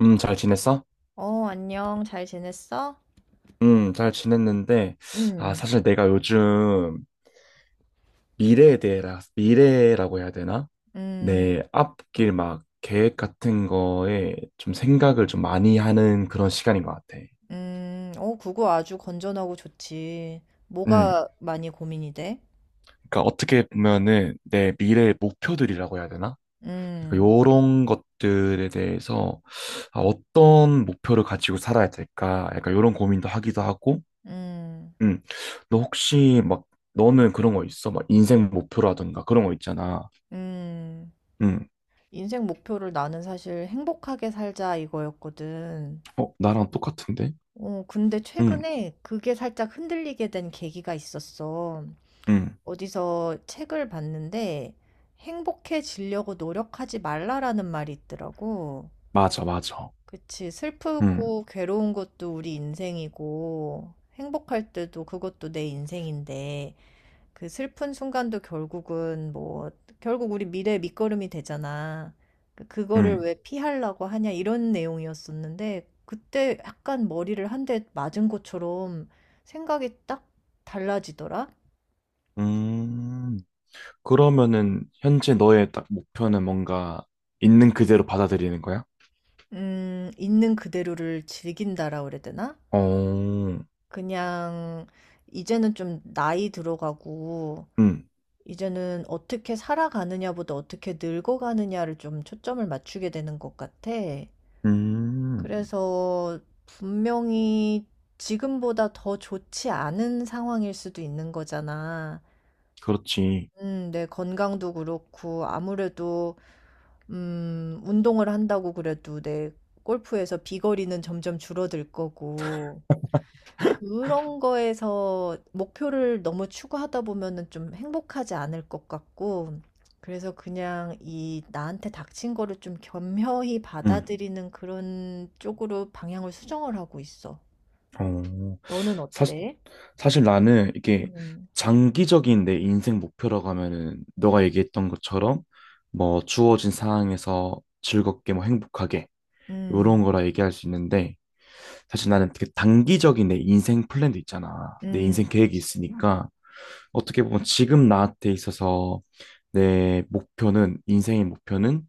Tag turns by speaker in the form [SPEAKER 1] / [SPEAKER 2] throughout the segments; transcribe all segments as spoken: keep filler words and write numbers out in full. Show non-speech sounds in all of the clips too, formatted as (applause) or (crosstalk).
[SPEAKER 1] 음, 잘 지냈어?
[SPEAKER 2] 어, 안녕. 잘 지냈어?
[SPEAKER 1] 음, 잘 지냈는데, 아,
[SPEAKER 2] 음,
[SPEAKER 1] 사실 내가 요즘 미래에 대해, 미래라고 해야 되나?
[SPEAKER 2] 음,
[SPEAKER 1] 내 앞길 막 계획 같은 거에 좀 생각을 좀 많이 하는 그런 시간인 것 같아.
[SPEAKER 2] 음. 어, 그거 아주 건전하고 좋지.
[SPEAKER 1] 음,
[SPEAKER 2] 뭐가 많이 고민이 돼?
[SPEAKER 1] 그러니까 어떻게 보면은 내 미래의 목표들이라고 해야 되나? 그러니까
[SPEAKER 2] 음,
[SPEAKER 1] 요런 것들에 대해서 아, 어떤 목표를 가지고 살아야 될까? 약간 요런 고민도 하기도 하고,
[SPEAKER 2] 음,
[SPEAKER 1] 응. 너 혹시 막 너는 그런 거 있어? 막 인생 목표라든가 그런 거 있잖아.
[SPEAKER 2] 음.
[SPEAKER 1] 응.
[SPEAKER 2] 인생 목표를 나는 사실 행복하게 살자 이거였거든.
[SPEAKER 1] 어, 나랑 똑같은데?
[SPEAKER 2] 어, 근데
[SPEAKER 1] 응.
[SPEAKER 2] 최근에 그게 살짝 흔들리게 된 계기가 있었어.
[SPEAKER 1] 응.
[SPEAKER 2] 어디서 책을 봤는데 행복해지려고 노력하지 말라라는 말이 있더라고.
[SPEAKER 1] 맞아, 맞아.
[SPEAKER 2] 그치.
[SPEAKER 1] 응.
[SPEAKER 2] 슬프고 괴로운 것도 우리 인생이고, 행복할 때도 그것도 내 인생인데, 그 슬픈 순간도 결국은 뭐, 결국 우리 미래의 밑거름이 되잖아. 그- 그거를
[SPEAKER 1] 응.
[SPEAKER 2] 왜 피하려고 하냐, 이런 내용이었었는데, 그때 약간 머리를 한 대 맞은 것처럼 생각이 딱 달라지더라?
[SPEAKER 1] 음. 그러면은 현재 너의 딱 목표는 뭔가 있는 그대로 받아들이는 거야?
[SPEAKER 2] 음, 있는 그대로를 즐긴다라 그래야 되나?
[SPEAKER 1] 어.
[SPEAKER 2] 그냥, 이제는 좀 나이 들어가고,
[SPEAKER 1] 응.
[SPEAKER 2] 이제는 어떻게 살아가느냐보다 어떻게 늙어가느냐를 좀 초점을 맞추게 되는 것 같아. 음,
[SPEAKER 1] 음.
[SPEAKER 2] 그래서 분명히 지금보다 더 좋지 않은 상황일 수도 있는 거잖아.
[SPEAKER 1] 그렇지.
[SPEAKER 2] 음, 내 건강도 그렇고, 아무래도, 음, 운동을 한다고 그래도 내 골프에서 비거리는 점점 줄어들 거고, 그런 거에서 목표를 너무 추구하다 보면은 좀 행복하지 않을 것 같고, 그래서 그냥 이 나한테 닥친 거를 좀 겸허히
[SPEAKER 1] 응.
[SPEAKER 2] 받아들이는 그런 쪽으로 방향을 수정을 하고 있어.
[SPEAKER 1] 어.
[SPEAKER 2] 너는
[SPEAKER 1] 사실
[SPEAKER 2] 어때?
[SPEAKER 1] 사실 나는 이게
[SPEAKER 2] 음,
[SPEAKER 1] 장기적인 내 인생 목표라고 하면은 너가 얘기했던 것처럼 뭐 주어진 상황에서 즐겁게 뭐 행복하게
[SPEAKER 2] 음,
[SPEAKER 1] 요런 거라 얘기할 수 있는데 사실 나는 그 단기적인 내 인생 플랜도 있잖아. 내
[SPEAKER 2] 음,
[SPEAKER 1] 인생 계획이
[SPEAKER 2] 그치.
[SPEAKER 1] 있으니까 어떻게 보면 지금 나한테 있어서 내 목표는 인생의 목표는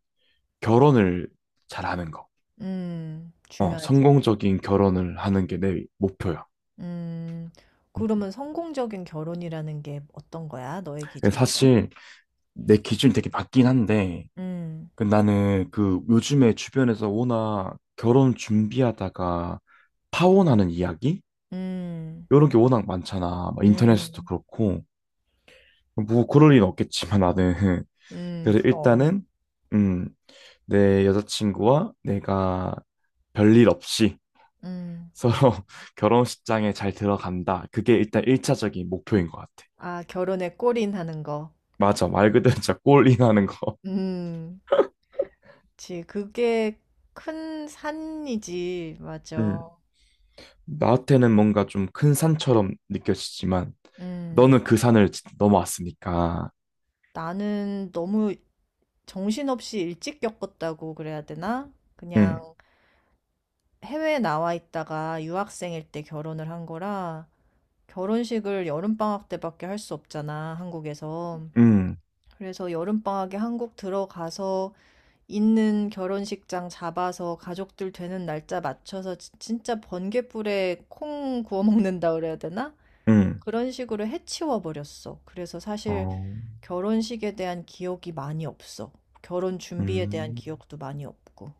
[SPEAKER 1] 결혼을 잘하는 거.
[SPEAKER 2] 음,
[SPEAKER 1] 어,
[SPEAKER 2] 중요하지.
[SPEAKER 1] 성공적인 결혼을 하는 게 내 목표야.
[SPEAKER 2] 음, 그러면 성공적인 결혼이라는 게 어떤 거야? 너의
[SPEAKER 1] 음.
[SPEAKER 2] 기준에선?
[SPEAKER 1] 사실 내 기준이 되게 낮긴 한데
[SPEAKER 2] 음,
[SPEAKER 1] 그 나는 그 요즘에 주변에서 워낙 결혼 준비하다가 파혼하는 이야기?
[SPEAKER 2] 음,
[SPEAKER 1] 이런 게 워낙 많잖아. 막 인터넷에서도
[SPEAKER 2] 음,
[SPEAKER 1] 그렇고. 뭐 그럴 일은 없겠지만 나는. (laughs)
[SPEAKER 2] 음,
[SPEAKER 1] 그래서
[SPEAKER 2] 그럼.
[SPEAKER 1] 일단은, 음, 내 여자친구와 내가 별일 없이
[SPEAKER 2] 음.
[SPEAKER 1] 서로 (laughs) 결혼식장에 잘 들어간다. 그게 일단 일차적인 목표인 것 같아.
[SPEAKER 2] 아, 결혼에 골인하는 거.
[SPEAKER 1] 맞아. 말 그대로 진짜 골인하는 거.
[SPEAKER 2] 음, 그치. 그게 큰 산이지.
[SPEAKER 1] (laughs)
[SPEAKER 2] 맞아.
[SPEAKER 1] 음. 나한테는 뭔가 좀 큰 산처럼 느껴지지만
[SPEAKER 2] 음,
[SPEAKER 1] 너는 그 산을 지- 넘어왔으니까.
[SPEAKER 2] 나는 너무 정신없이 일찍 겪었다고 그래야 되나?
[SPEAKER 1] 응,
[SPEAKER 2] 그냥 해외에 나와 있다가 유학생일 때 결혼을 한 거라 결혼식을 여름방학 때밖에 할 수 없잖아, 한국에서.
[SPEAKER 1] 응,
[SPEAKER 2] 그래서 여름방학에 한국 들어가서 있는 결혼식장 잡아서 가족들 되는 날짜 맞춰서 지- 진짜 번개불에 콩 구워 먹는다 그래야 되나?
[SPEAKER 1] 응.
[SPEAKER 2] 그런 식으로 해치워 버렸어. 그래서 사실
[SPEAKER 1] 어,
[SPEAKER 2] 결혼식에 대한 기억이 많이 없어. 결혼 준비에 대한
[SPEAKER 1] 음.
[SPEAKER 2] 기억도 많이 없고.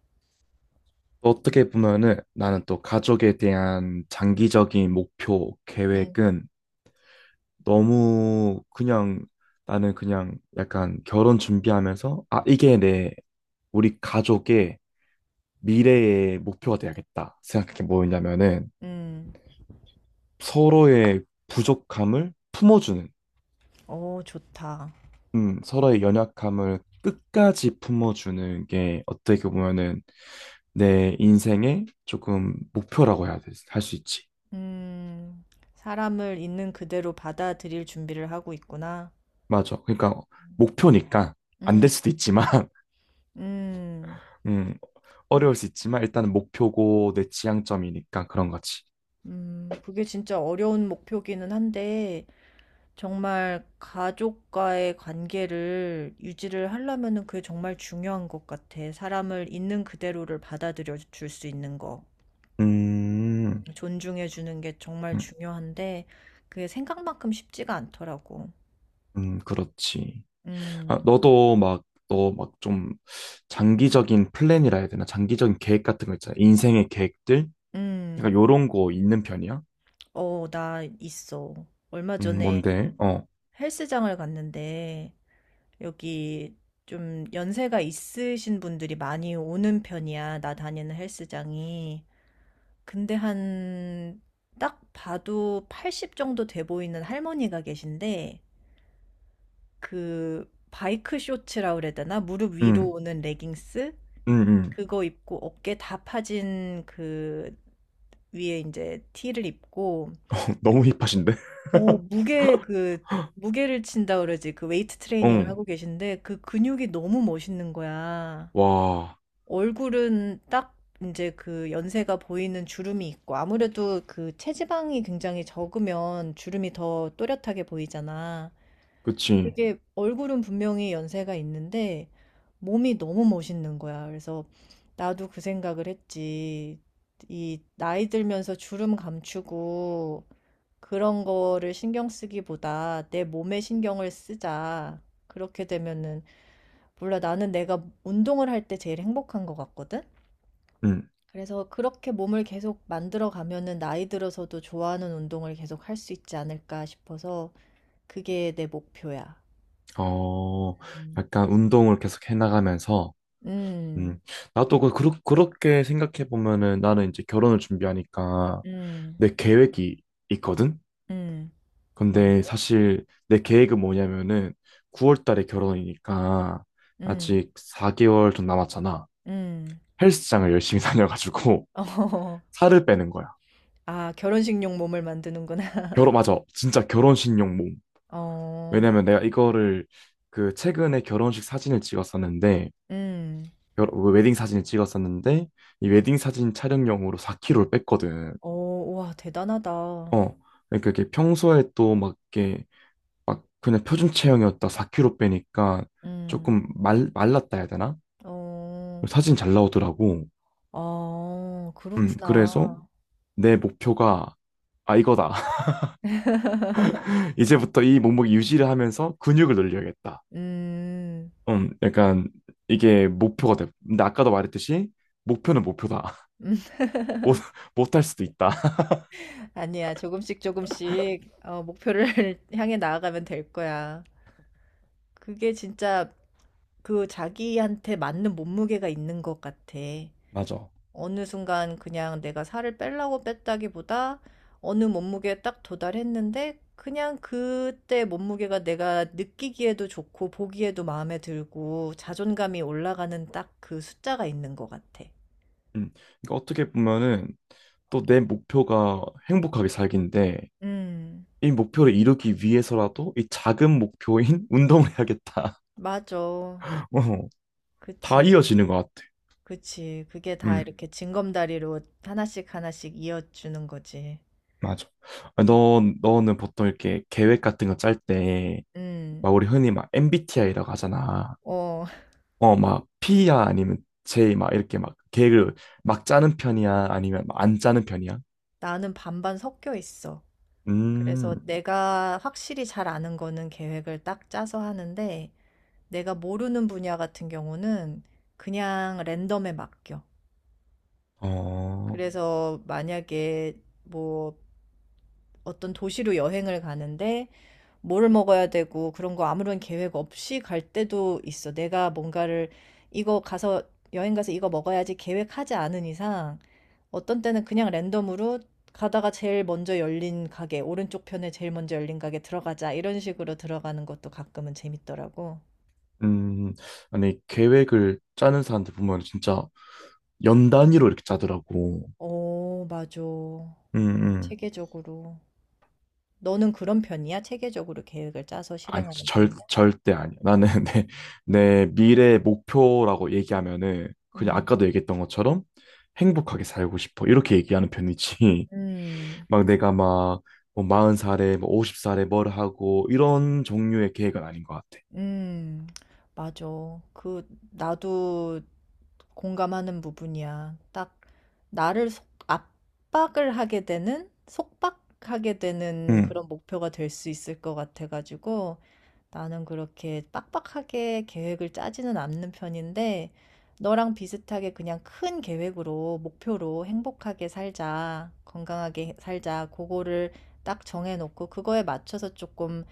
[SPEAKER 1] 또 어떻게 보면은 나는 또 가족에 대한 장기적인 목표,
[SPEAKER 2] 음,
[SPEAKER 1] 계획은 너무 그냥 나는 그냥 약간 결혼 준비하면서 아, 이게 내 우리 가족의 미래의 목표가 돼야겠다 생각한 게 뭐였냐면은
[SPEAKER 2] 음,
[SPEAKER 1] 서로의 부족함을 품어주는
[SPEAKER 2] 오, 좋다.
[SPEAKER 1] 음, 서로의 연약함을 끝까지 품어주는 게 어떻게 보면은 내 인생의 조금 목표라고 해야 돼, 할 수 있지.
[SPEAKER 2] 음, 사람을 있는 그대로 받아들일 준비를 하고 있구나.
[SPEAKER 1] 맞아. 그러니까 목표니까 안 될
[SPEAKER 2] 음,
[SPEAKER 1] 수도 있지만, (laughs)
[SPEAKER 2] 음,
[SPEAKER 1] 음,
[SPEAKER 2] 그래,
[SPEAKER 1] 어려울 수 있지만 일단은 목표고 내 지향점이니까 그런 거지.
[SPEAKER 2] 음, 그게 진짜 어려운 목표기는 한데, 정말 가족과의 관계를 유지를 하려면은 그게 정말 중요한 것 같아. 사람을 있는 그대로를 받아들여 줄 수 있는 거.
[SPEAKER 1] 음,
[SPEAKER 2] 존중해 주는 게 정말
[SPEAKER 1] 음,
[SPEAKER 2] 중요한데, 그게 생각만큼 쉽지가 않더라고.
[SPEAKER 1] 음, 그렇지. 아,
[SPEAKER 2] 음,
[SPEAKER 1] 너도 막, 너 막 좀 장기적인 플랜이라 해야 되나? 장기적인 계획 같은 거 있잖아. 인생의 계획들? 약간
[SPEAKER 2] 음,
[SPEAKER 1] 요런 거 있는 편이야?
[SPEAKER 2] 어, 나 있어. 얼마
[SPEAKER 1] 음,
[SPEAKER 2] 전에
[SPEAKER 1] 뭔데? 어.
[SPEAKER 2] 헬스장을 갔는데, 여기 좀 연세가 있으신 분들이 많이 오는 편이야. 나 다니는 헬스장이. 근데 한 딱 봐도 여든 정도 돼 보이는 할머니가 계신데 그 바이크 쇼츠라 그래야 되나? 무릎 위로
[SPEAKER 1] 음.
[SPEAKER 2] 오는 레깅스?
[SPEAKER 1] 음, 음.
[SPEAKER 2] 그거 입고 어깨 다 파진 그 위에 이제 티를 입고
[SPEAKER 1] (laughs) 너무 힙하신데? (laughs)
[SPEAKER 2] 오 무게 그 무게를 친다 그러지. 그 웨이트 트레이닝을
[SPEAKER 1] 응.
[SPEAKER 2] 하고 계신데 그 근육이 너무 멋있는 거야.
[SPEAKER 1] 와,
[SPEAKER 2] 얼굴은 딱 이제 그 연세가 보이는 주름이 있고 아무래도 그 체지방이 굉장히 적으면 주름이 더 또렷하게 보이잖아.
[SPEAKER 1] 그치.
[SPEAKER 2] 그게 얼굴은 분명히 연세가 있는데 몸이 너무 멋있는 거야. 그래서 나도 그 생각을 했지. 이 나이 들면서 주름 감추고 그런 거를 신경 쓰기보다 내 몸에 신경을 쓰자. 그렇게 되면은 몰라 나는 내가 운동을 할 때 제일 행복한 것 같거든.
[SPEAKER 1] 음.
[SPEAKER 2] 그래서 그렇게 몸을 계속 만들어 가면은 나이 들어서도 좋아하는 운동을 계속 할 수 있지 않을까 싶어서 그게 내 목표야.
[SPEAKER 1] 어,
[SPEAKER 2] 음.
[SPEAKER 1] 약간 운동을 계속 해나가면서, 음.
[SPEAKER 2] 음,
[SPEAKER 1] 나도 그, 그렇- 그렇게 생각해보면은 나는 이제 결혼을 준비하니까
[SPEAKER 2] 음,
[SPEAKER 1] 내 계획이 있거든?
[SPEAKER 2] 음, 뭔데?
[SPEAKER 1] 근데 사실 내 계획은 뭐냐면은 구월 달에 결혼이니까
[SPEAKER 2] 음,
[SPEAKER 1] 아직 사 개월 좀 남았잖아.
[SPEAKER 2] 음.
[SPEAKER 1] 헬스장을 열심히 (laughs) 다녀가지고
[SPEAKER 2] (laughs) 어,
[SPEAKER 1] 살을 빼는 거야.
[SPEAKER 2] 아, 결혼식용 몸을 만드는구나.
[SPEAKER 1] 결혼, 맞아. 진짜 결혼식 용몸.
[SPEAKER 2] (laughs) 어,
[SPEAKER 1] 왜냐면 내가 이거를 그 최근에 결혼식 사진을 찍었었는데
[SPEAKER 2] 음,
[SPEAKER 1] 결, 그 웨딩 사진을 찍었었는데 이 웨딩 사진 촬영용으로 사 킬로그램을 뺐거든.
[SPEAKER 2] 어, 와, 대단하다.
[SPEAKER 1] 어. 그러니까 이게 평소에 또 막 이게 막 그냥 표준 체형이었다 사 킬로그램 빼니까
[SPEAKER 2] 음,
[SPEAKER 1] 조금 말 말랐다 해야 되나?
[SPEAKER 2] 어,
[SPEAKER 1] 사진 잘 나오더라고.
[SPEAKER 2] 어,
[SPEAKER 1] 음. 그래서
[SPEAKER 2] 그렇구나.
[SPEAKER 1] 내 목표가 아 이거다. (laughs) 이제부터 이 몸무게 유지를 하면서 근육을 늘려야겠다.
[SPEAKER 2] 음,
[SPEAKER 1] 음. 약간 이게 목표가 돼. 근데 아까도 말했듯이 목표는 목표다.
[SPEAKER 2] (laughs)
[SPEAKER 1] 못, (laughs) 못할 수도 있다. (laughs)
[SPEAKER 2] 아니야, 조금씩 조금씩 어, 목표를 (laughs) 향해 나아가면 될 거야. 그게 진짜 그 자기한테 맞는 몸무게가 있는 것 같아.
[SPEAKER 1] 맞아.
[SPEAKER 2] 어느 순간 그냥 내가 살을 빼려고 뺐다기보다 어느 몸무게에 딱 도달했는데 그냥 그때 몸무게가 내가 느끼기에도 좋고 보기에도 마음에 들고 자존감이 올라가는 딱 그 숫자가 있는 것 같아.
[SPEAKER 1] 음. 그러니까 어떻게 보면은 또 내 목표가 행복하게 살기인데
[SPEAKER 2] 음,
[SPEAKER 1] 이 목표를 이루기 위해서라도 이 작은 목표인 (laughs) 운동을 해야겠다.
[SPEAKER 2] 맞아.
[SPEAKER 1] (laughs) 어, 다
[SPEAKER 2] 그치.
[SPEAKER 1] 이어지는 것 같아.
[SPEAKER 2] 그치. 그게 다
[SPEAKER 1] 음,
[SPEAKER 2] 이렇게 징검다리로 하나씩 하나씩 이어주는 거지.
[SPEAKER 1] 맞아. 아, 너, 너는 보통 이렇게 계획 같은 거 짤 때,
[SPEAKER 2] 음,
[SPEAKER 1] 막 우리 흔히 막 엠비티아이라고 하잖아.
[SPEAKER 2] 어, (laughs)
[SPEAKER 1] 어, 막 P야 아니면 J 막 이렇게 막 계획을 막 짜는 편이야? 아니면 막 안 짜는 편이야?
[SPEAKER 2] 나는 반반 섞여 있어. 그래서
[SPEAKER 1] 음,
[SPEAKER 2] 내가 확실히 잘 아는 거는 계획을 딱 짜서 하는데, 내가 모르는 분야 같은 경우는 그냥 랜덤에 맡겨.
[SPEAKER 1] 어.
[SPEAKER 2] 그래서 만약에 뭐 어떤 도시로 여행을 가는데 뭐를 먹어야 되고 그런 거 아무런 계획 없이 갈 때도 있어. 내가 뭔가를 이거 가서 여행 가서 이거 먹어야지 계획하지 않은 이상 어떤 때는 그냥 랜덤으로 가다가 제일 먼저 열린 가게, 오른쪽 편에 제일 먼저 열린 가게 들어가자 이런 식으로 들어가는 것도 가끔은 재밌더라고.
[SPEAKER 1] 음, 아니, 계획을 짜는 사람들 보면 진짜 연 단위로 이렇게 짜더라고.
[SPEAKER 2] 오, 맞아.
[SPEAKER 1] 음, 음.
[SPEAKER 2] 체계적으로. 너는 그런 편이야? 체계적으로 계획을 짜서
[SPEAKER 1] 아니,
[SPEAKER 2] 실행하는
[SPEAKER 1] 절,
[SPEAKER 2] 편이야?
[SPEAKER 1] 절대 아니야. 나는 (laughs) 내, 내 미래 목표라고 얘기하면은 그냥
[SPEAKER 2] 음.
[SPEAKER 1] 아까도 얘기했던 것처럼 행복하게 살고 싶어. 이렇게 얘기하는 편이지. (laughs)
[SPEAKER 2] 음.
[SPEAKER 1] 막 내가 막 뭐 마흔 살에 뭐 쉰 살에 뭘 하고 이런 종류의 계획은 아닌 것 같아.
[SPEAKER 2] 음, 맞아. 그, 나도 공감하는 부분이야. 딱, 나를 속, 압박을 하게 되는, 속박하게 되는
[SPEAKER 1] 음,
[SPEAKER 2] 그런 목표가 될 수 있을 것 같아가지고, 나는 그렇게 빡빡하게 계획을 짜지는 않는 편인데, 너랑 비슷하게 그냥 큰 계획으로, 목표로 행복하게 살자, 건강하게 살자, 그거를 딱 정해놓고, 그거에 맞춰서 조금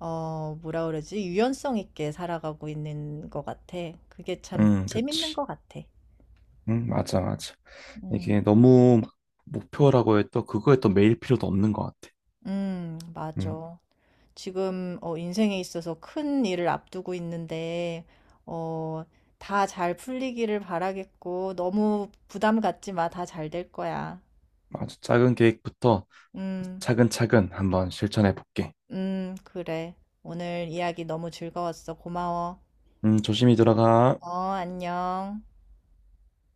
[SPEAKER 2] 어, 뭐라 그러지? 유연성 있게 살아가고 있는 것 같아. 그게 참
[SPEAKER 1] 음,
[SPEAKER 2] 재밌는
[SPEAKER 1] 그치.
[SPEAKER 2] 것 같아.
[SPEAKER 1] 응, 맞아, 맞아. 이게
[SPEAKER 2] 음,
[SPEAKER 1] 너무 막 목표라고 해도 그거에 또 매일 필요도 없는 것 같아.
[SPEAKER 2] 음, 맞아. 지금 어, 인생에 있어서 큰 일을 앞두고 있는데, 어, 다 잘 풀리기를 바라겠고, 너무 부담 갖지 마. 다 잘 될 거야.
[SPEAKER 1] 아주 작은 계획부터
[SPEAKER 2] 음,
[SPEAKER 1] 차근차근 한번 실천해 볼게.
[SPEAKER 2] 음, 그래. 오늘 이야기 너무 즐거웠어. 고마워.
[SPEAKER 1] 음, 조심히 들어가.
[SPEAKER 2] 어, 안녕.